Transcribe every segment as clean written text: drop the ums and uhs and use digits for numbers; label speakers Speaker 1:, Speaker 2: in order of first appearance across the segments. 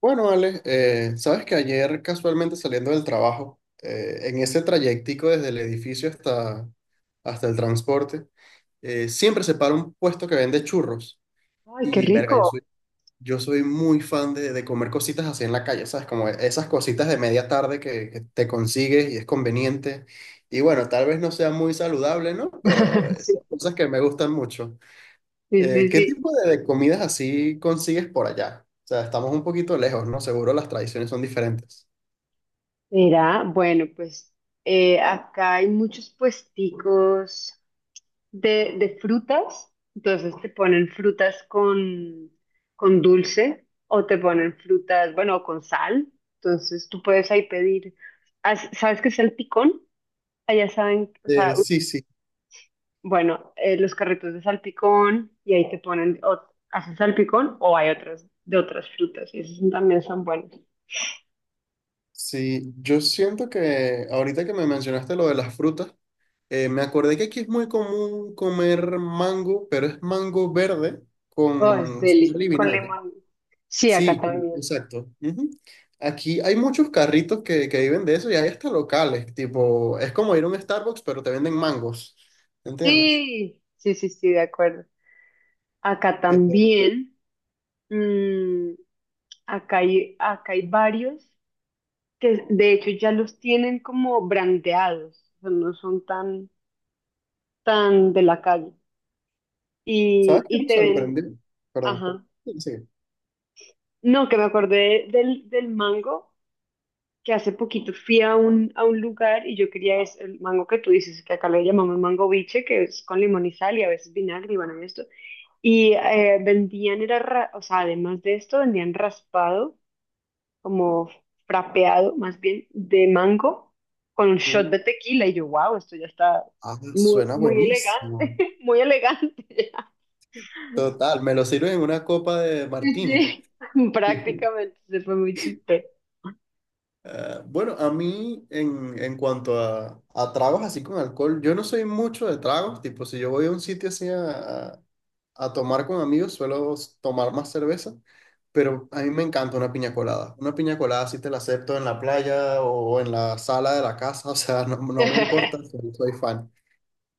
Speaker 1: Bueno, Ale, sabes que ayer casualmente saliendo del trabajo, en ese trayectico desde el edificio hasta, hasta el transporte, siempre se para un puesto que vende churros.
Speaker 2: Ay, qué
Speaker 1: Y verga,
Speaker 2: rico.
Speaker 1: yo soy muy fan de comer cositas así en la calle, ¿sabes? Como esas cositas de media tarde que te consigues y es conveniente. Y bueno, tal vez no sea muy saludable, ¿no? Pero
Speaker 2: Sí,
Speaker 1: son cosas que me gustan mucho.
Speaker 2: sí, sí,
Speaker 1: ¿Qué
Speaker 2: sí.
Speaker 1: tipo de comidas así consigues por allá? O sea, estamos un poquito lejos, ¿no? Seguro las tradiciones son diferentes.
Speaker 2: Mira, bueno, pues acá hay muchos puesticos de frutas. Entonces te ponen frutas con dulce o te ponen frutas, bueno, con sal. Entonces tú puedes ahí pedir. ¿Sabes qué es salpicón? Allá saben, o sea,
Speaker 1: Sí, sí,
Speaker 2: bueno, los carritos de salpicón y ahí te ponen, o haces salpicón o hay otras de otras frutas y esos también son buenos.
Speaker 1: sí. Yo siento que ahorita que me mencionaste lo de las frutas, me acordé que aquí es muy común comer mango, pero es mango verde
Speaker 2: Oh, es
Speaker 1: con
Speaker 2: deli,
Speaker 1: sal y
Speaker 2: con
Speaker 1: vinagre.
Speaker 2: limón. Sí, acá
Speaker 1: Sí,
Speaker 2: también.
Speaker 1: exacto. Ujú. Aquí hay muchos carritos que viven de eso y hay hasta locales, tipo, es como ir a un Starbucks, pero te venden mangos, ¿entiendes?
Speaker 2: Sí, sí, sí, sí, de acuerdo. Acá
Speaker 1: Eh,
Speaker 2: también, mm, acá hay varios que de hecho ya los tienen como brandeados, o sea, no son tan, tan de la calle.
Speaker 1: ¿Sabes
Speaker 2: Y,
Speaker 1: qué
Speaker 2: y
Speaker 1: me
Speaker 2: te ven,
Speaker 1: sorprende? Perdón.
Speaker 2: ajá.
Speaker 1: Sí.
Speaker 2: No, que me acordé del mango, que hace poquito fui a a un lugar y yo quería es el mango que tú dices, que acá le llamamos mango biche, que es con limón y sal y a veces vinagre y bueno, y esto. Y o sea, además de esto, vendían raspado, como frapeado, más bien, de mango, con un
Speaker 1: Uh,
Speaker 2: shot de tequila. Y yo, wow, esto ya está
Speaker 1: ah,
Speaker 2: muy,
Speaker 1: suena
Speaker 2: muy elegante,
Speaker 1: buenísimo.
Speaker 2: muy elegante ya.
Speaker 1: Total, me lo sirven en una copa de
Speaker 2: Sí,
Speaker 1: martini.
Speaker 2: sí. Prácticamente, se fue muy chistoso.
Speaker 1: Ah, bueno, a mí en cuanto a tragos así con alcohol, yo no soy mucho de tragos, tipo si yo voy a un sitio así a tomar con amigos, suelo tomar más cerveza, pero a mí me encanta una piña colada. Una piña colada sí te la acepto en la playa o en la sala de la casa, o sea, no, no me importa, soy soy fan.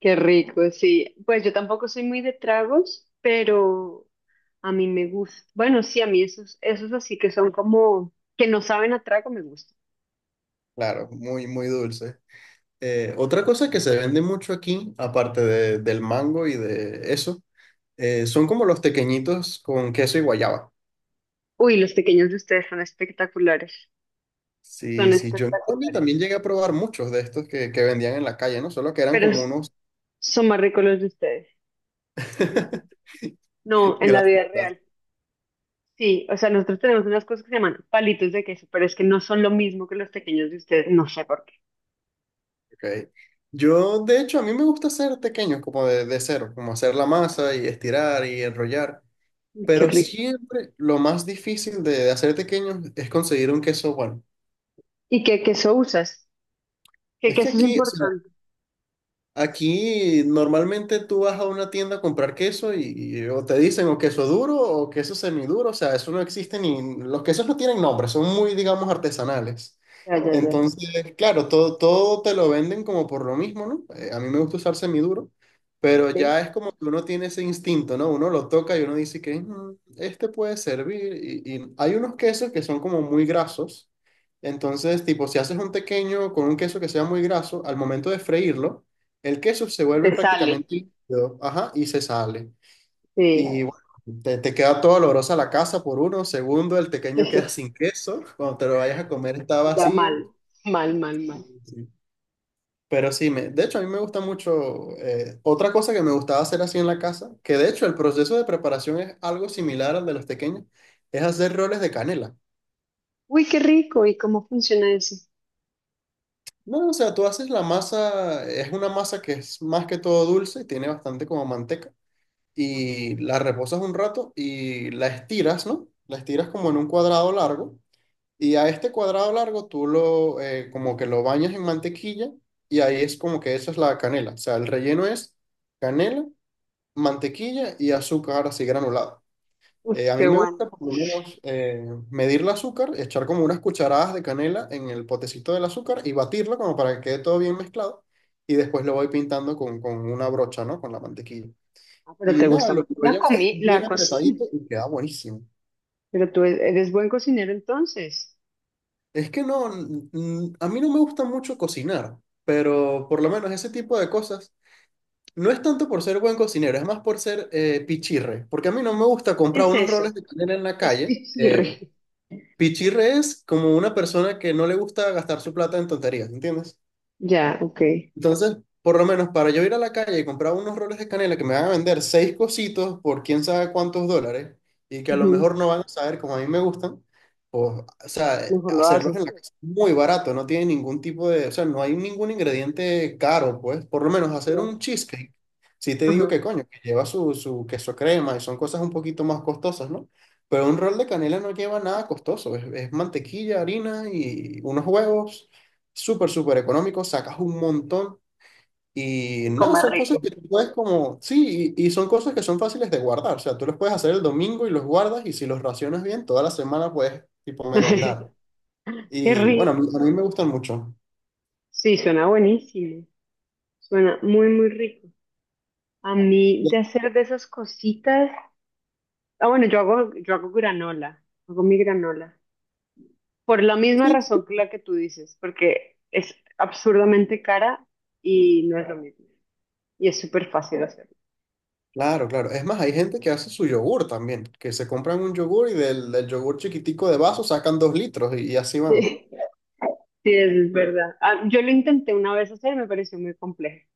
Speaker 2: Qué rico, sí. Pues yo tampoco soy muy de tragos, pero a mí me gusta. Bueno, sí, a mí esos así que son como, que no saben a trago me gustan.
Speaker 1: Claro, muy, muy dulce. Otra cosa que se vende mucho aquí, aparte del mango y de eso, son como los tequeñitos con queso y guayaba.
Speaker 2: Uy, los pequeños de ustedes son espectaculares, son
Speaker 1: Sí, sí, yo en Colombia
Speaker 2: espectaculares,
Speaker 1: también llegué a probar muchos de estos que vendían en la calle, ¿no? Solo que eran
Speaker 2: pero
Speaker 1: como
Speaker 2: s-
Speaker 1: unos...
Speaker 2: son más ricos los de ustedes. No, en la vida
Speaker 1: Gracias, gracias.
Speaker 2: real. Sí, o sea, nosotros tenemos unas cosas que se llaman palitos de queso, pero es que no son lo mismo que los pequeños de ustedes, no sé por qué.
Speaker 1: Ok. Yo, de hecho, a mí me gusta hacer tequeños como de cero, como hacer la masa y estirar y enrollar.
Speaker 2: Qué
Speaker 1: Pero
Speaker 2: rico.
Speaker 1: siempre lo más difícil de hacer tequeños es conseguir un queso bueno.
Speaker 2: ¿Y qué queso usas? ¿Qué
Speaker 1: Es que
Speaker 2: queso es
Speaker 1: aquí, o sea,
Speaker 2: importante?
Speaker 1: aquí normalmente tú vas a una tienda a comprar queso y o te dicen o queso duro o queso semiduro, o sea, eso no existe ni, los quesos no tienen nombre, son muy, digamos, artesanales.
Speaker 2: Ya, ya, ya.
Speaker 1: Entonces, claro, todo te lo venden como por lo mismo, ¿no? A mí me gusta usar semiduro, pero ya
Speaker 2: Ok.
Speaker 1: es como que uno tiene ese instinto, ¿no? Uno lo toca y uno dice que "Mm, este puede servir. Y hay unos quesos que son como muy grasos, entonces, tipo, si haces un pequeño con un queso que sea muy graso, al momento de freírlo, el queso se vuelve
Speaker 2: Te sale.
Speaker 1: prácticamente líquido, ajá, y se sale.
Speaker 2: Sí.
Speaker 1: Y bueno, te queda todo olorosa la casa por uno. Segundo, el pequeño queda sin queso. Cuando te lo vayas a comer está
Speaker 2: Ya mal,
Speaker 1: vacío.
Speaker 2: mal, mal, mal.
Speaker 1: Sí. Pero sí, de hecho a mí me gusta mucho. Otra cosa que me gustaba hacer así en la casa, que de hecho el proceso de preparación es algo similar al de los tequeños, es hacer roles de canela.
Speaker 2: Uy, qué rico. ¿Y cómo funciona eso?
Speaker 1: No, o sea, tú haces la masa, es una masa que es más que todo dulce, tiene bastante como manteca,
Speaker 2: Ajá.
Speaker 1: y la reposas un rato y la estiras, ¿no? La estiras como en un cuadrado largo, y a este cuadrado largo tú lo como que lo bañas en mantequilla y ahí es como que esa es la canela. O sea, el relleno es canela, mantequilla y azúcar así granulado.
Speaker 2: Uy,
Speaker 1: A mí
Speaker 2: qué
Speaker 1: me
Speaker 2: bueno.
Speaker 1: gusta por lo menos medir el azúcar, echar como unas cucharadas de canela en el potecito del azúcar y batirlo como para que quede todo bien mezclado y después lo voy pintando con una brocha, ¿no? Con la mantequilla.
Speaker 2: Ah, pero
Speaker 1: Y
Speaker 2: te
Speaker 1: nada,
Speaker 2: gusta
Speaker 1: lo
Speaker 2: mucho la
Speaker 1: enrollas
Speaker 2: comida, la
Speaker 1: bien
Speaker 2: cocina.
Speaker 1: apretadito y queda buenísimo.
Speaker 2: Pero tú eres buen cocinero entonces.
Speaker 1: Es que a mí no me gusta mucho cocinar, pero por lo menos ese tipo de cosas no es tanto por ser buen cocinero, es más por ser pichirre, porque a mí no me gusta
Speaker 2: ¿Qué
Speaker 1: comprar
Speaker 2: es
Speaker 1: unos
Speaker 2: eso?
Speaker 1: roles de canela en la
Speaker 2: Es
Speaker 1: calle.
Speaker 2: pichirre.
Speaker 1: Pichirre es como una persona que no le gusta gastar su plata en tonterías, ¿entiendes?
Speaker 2: Ya, ok.
Speaker 1: Entonces, por lo menos para yo ir a la calle y comprar unos roles de canela que me van a vender seis cositos por quién sabe cuántos dólares y que a lo
Speaker 2: Ujú.
Speaker 1: mejor no van a saber como a mí me gustan, pues, o sea,
Speaker 2: Mejor lo
Speaker 1: hacerlos
Speaker 2: haces
Speaker 1: en la
Speaker 2: tú.
Speaker 1: casa es muy barato, no tiene ningún tipo de, o sea, no hay ningún ingrediente caro, pues, por lo menos hacer
Speaker 2: Ya.
Speaker 1: un cheesecake. Si te digo
Speaker 2: Ajá.
Speaker 1: que coño, que lleva su queso crema y son cosas un poquito más costosas, ¿no? Pero un rol de canela no lleva nada costoso, es mantequilla, harina y unos huevos, súper, súper económico, sacas un montón. Y
Speaker 2: Y
Speaker 1: nada,
Speaker 2: comer
Speaker 1: son cosas
Speaker 2: rico.
Speaker 1: que tú puedes como, sí, y son cosas que son fáciles de guardar. O sea, tú los puedes hacer el domingo y los guardas y si los racionas bien, toda la semana puedes tipo merendar.
Speaker 2: Qué
Speaker 1: Y bueno,
Speaker 2: rico.
Speaker 1: a mí me gustan mucho.
Speaker 2: Sí, suena buenísimo. Suena muy, muy rico. A mí de hacer de esas cositas. Ah, bueno, yo hago granola. Hago mi granola. Por la misma
Speaker 1: Sí,
Speaker 2: razón que la que tú dices, porque es absurdamente cara y no es lo mismo. Y es súper fácil hacerlo.
Speaker 1: claro, claro. Es más, hay gente que hace su yogur también, que se compran un yogur y del yogur chiquitico de vaso sacan dos litros y así van.
Speaker 2: Sí, eso es verdad. Ah, yo lo intenté una vez hacer, me pareció muy complejo,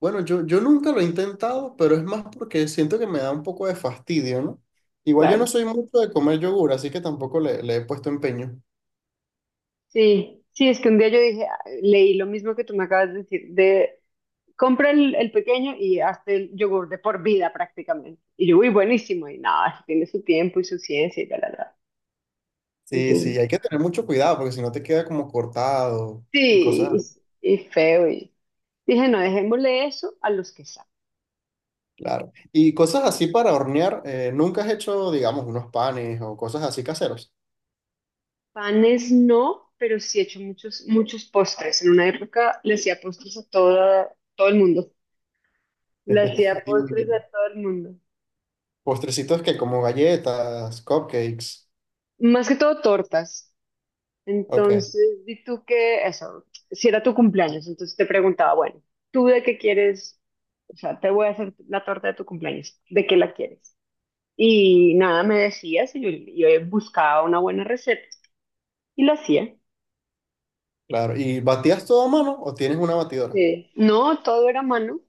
Speaker 1: Bueno, yo nunca lo he intentado, pero es más porque siento que me da un poco de fastidio, ¿no? Igual yo no
Speaker 2: claro.
Speaker 1: soy mucho de comer yogur, así que tampoco le he puesto empeño.
Speaker 2: Sí, sí, es que un día yo dije, ah, leí lo mismo que tú me acabas de decir, de compra el pequeño y hazte el yogur de por vida prácticamente. Y yo, uy, buenísimo, y nada, eso tiene su tiempo y su ciencia y tal, tal, tal.
Speaker 1: Sí, sí,
Speaker 2: Entonces,
Speaker 1: hay que tener mucho cuidado porque si no te queda como cortado y
Speaker 2: sí,
Speaker 1: cosas,
Speaker 2: y feo. Y dije, no, dejémosle eso a los que saben.
Speaker 1: claro. Y cosas así para hornear, nunca has hecho, digamos, unos panes o cosas así caseros.
Speaker 2: Panes no, pero sí he hecho muchos, muchos postres. En una época le hacía postres a todo, todo el mundo. Le hacía postres
Speaker 1: Y
Speaker 2: a todo el mundo.
Speaker 1: postrecitos que como galletas, cupcakes.
Speaker 2: Más que todo tortas.
Speaker 1: Ok,
Speaker 2: Entonces, di tú que eso, si era tu cumpleaños, entonces te preguntaba, bueno, ¿tú de qué quieres? O sea, te voy a hacer la torta de tu cumpleaños, ¿de qué la quieres? Y nada, me decías y yo buscaba una buena receta y la hacía.
Speaker 1: claro. ¿Y batías todo a mano o tienes una batidora?
Speaker 2: Sí. No, todo era a mano,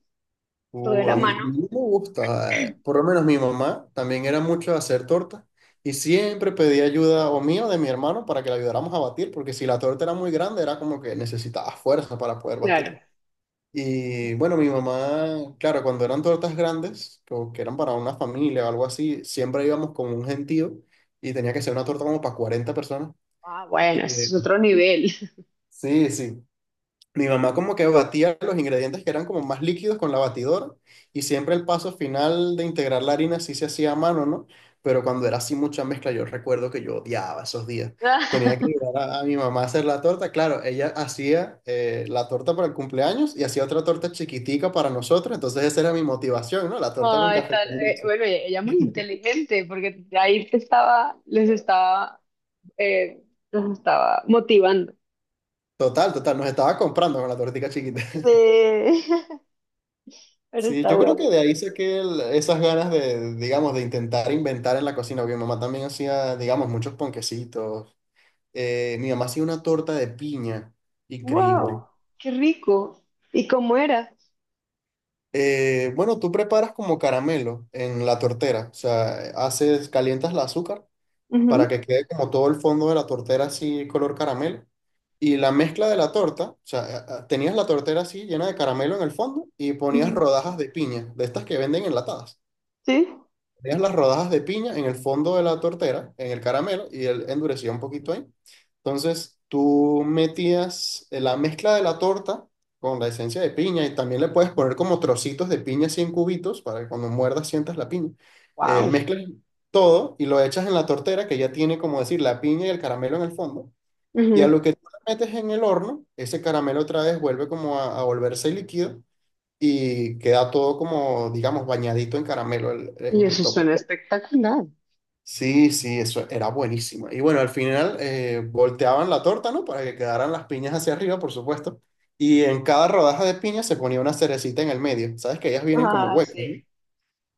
Speaker 2: todo era a
Speaker 1: A
Speaker 2: mano,
Speaker 1: mí me gusta, por lo menos mi mamá también era mucho de hacer torta y siempre pedía ayuda o mía o de mi hermano para que la ayudáramos a batir, porque si la torta era muy grande era como que necesitaba fuerza para poder
Speaker 2: claro.
Speaker 1: batirla. Y bueno, mi mamá, claro, cuando eran tortas grandes, o que eran para una familia o algo así, siempre íbamos con un gentío y tenía que ser una torta como para 40 personas.
Speaker 2: Ah, bueno,
Speaker 1: Eh,
Speaker 2: ese es otro nivel.
Speaker 1: sí, sí, mi mamá como que batía los ingredientes que eran como más líquidos con la batidora y siempre el paso final de integrar la harina sí se hacía a mano, ¿no? Pero cuando era así mucha mezcla, yo recuerdo que yo odiaba esos días. Tenía que ayudar a mi mamá a hacer la torta. Claro, ella hacía la torta para el cumpleaños y hacía otra torta chiquitica para nosotros. Entonces esa era mi motivación, ¿no? La torta con
Speaker 2: Ay,
Speaker 1: café
Speaker 2: tal,
Speaker 1: con leche.
Speaker 2: bueno, ella muy inteligente porque ahí te estaba, les estaba, eh, los estaba motivando.
Speaker 1: Total, total, nos estaba comprando con la tortica chiquita.
Speaker 2: Eh, pero
Speaker 1: Sí,
Speaker 2: está
Speaker 1: yo creo que
Speaker 2: bueno.
Speaker 1: de ahí saqué esas ganas de, digamos, de intentar inventar en la cocina, porque mi mamá también hacía, digamos, muchos ponquecitos. Mi mamá hacía una torta de piña, increíble.
Speaker 2: Wow, qué rico. ¿Y cómo era?
Speaker 1: Bueno, tú preparas como caramelo en la tortera, o sea, haces, calientas el azúcar para
Speaker 2: Ujú,
Speaker 1: que quede como todo el fondo de la tortera así color caramelo. Y la mezcla de la torta, o sea, tenías la tortera así llena de caramelo en el fondo y ponías
Speaker 2: ujú.
Speaker 1: rodajas de piña, de estas que venden enlatadas.
Speaker 2: Sí.
Speaker 1: Dejas las rodajas de piña en el fondo de la tortera, en el caramelo, y él endurecía un poquito ahí. Entonces, tú metías la mezcla de la torta con la esencia de piña y también le puedes poner como trocitos de piña así en cubitos para que cuando muerdas sientas la piña.
Speaker 2: Wow.
Speaker 1: Mezclas todo y lo echas en la tortera que ya tiene, como decir, la piña y el caramelo en el fondo. Y a lo que tú la metes en el horno, ese caramelo otra vez vuelve como a volverse líquido y queda todo como, digamos, bañadito en caramelo
Speaker 2: Y
Speaker 1: en el
Speaker 2: eso
Speaker 1: tope.
Speaker 2: suena espectacular.
Speaker 1: Sí, sí, eso era buenísimo. Y bueno, al final volteaban la torta, ¿no? Para que quedaran las piñas hacia arriba, por supuesto. Y en cada rodaja de piña se ponía una cerecita en el medio. Sabes que ellas vienen como
Speaker 2: Ah,
Speaker 1: huecas,
Speaker 2: sí.
Speaker 1: ¿no?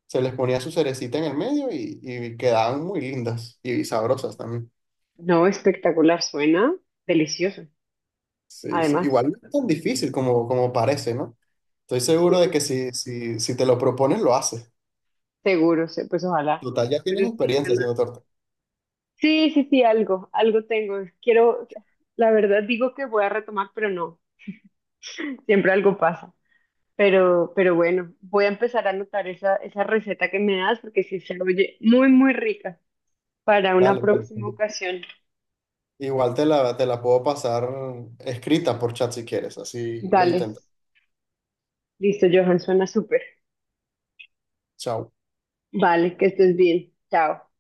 Speaker 1: Se les ponía su cerecita en el medio y quedaban muy lindas y sabrosas también.
Speaker 2: No, espectacular, suena delicioso.
Speaker 1: Sí, sí.
Speaker 2: Además,
Speaker 1: Igual no es tan difícil como, como parece, ¿no? Estoy seguro de
Speaker 2: sí,
Speaker 1: que si te lo propones, lo haces.
Speaker 2: seguro, sí, pues ojalá.
Speaker 1: Total, ya tienes
Speaker 2: Pero sí,
Speaker 1: experiencia haciendo torta.
Speaker 2: sí, sí, sí, algo, algo tengo. Quiero, la verdad digo que voy a retomar, pero no, siempre algo pasa. Pero bueno, voy a empezar a anotar esa, esa receta que me das porque sí se oye muy, muy rica para una
Speaker 1: Dale, dale.
Speaker 2: próxima ocasión.
Speaker 1: Igual te la puedo pasar escrita por chat si quieres, así lo
Speaker 2: Dale,
Speaker 1: intentas.
Speaker 2: listo, Johan, suena súper.
Speaker 1: Chao.
Speaker 2: Vale, que estés bien. Chao.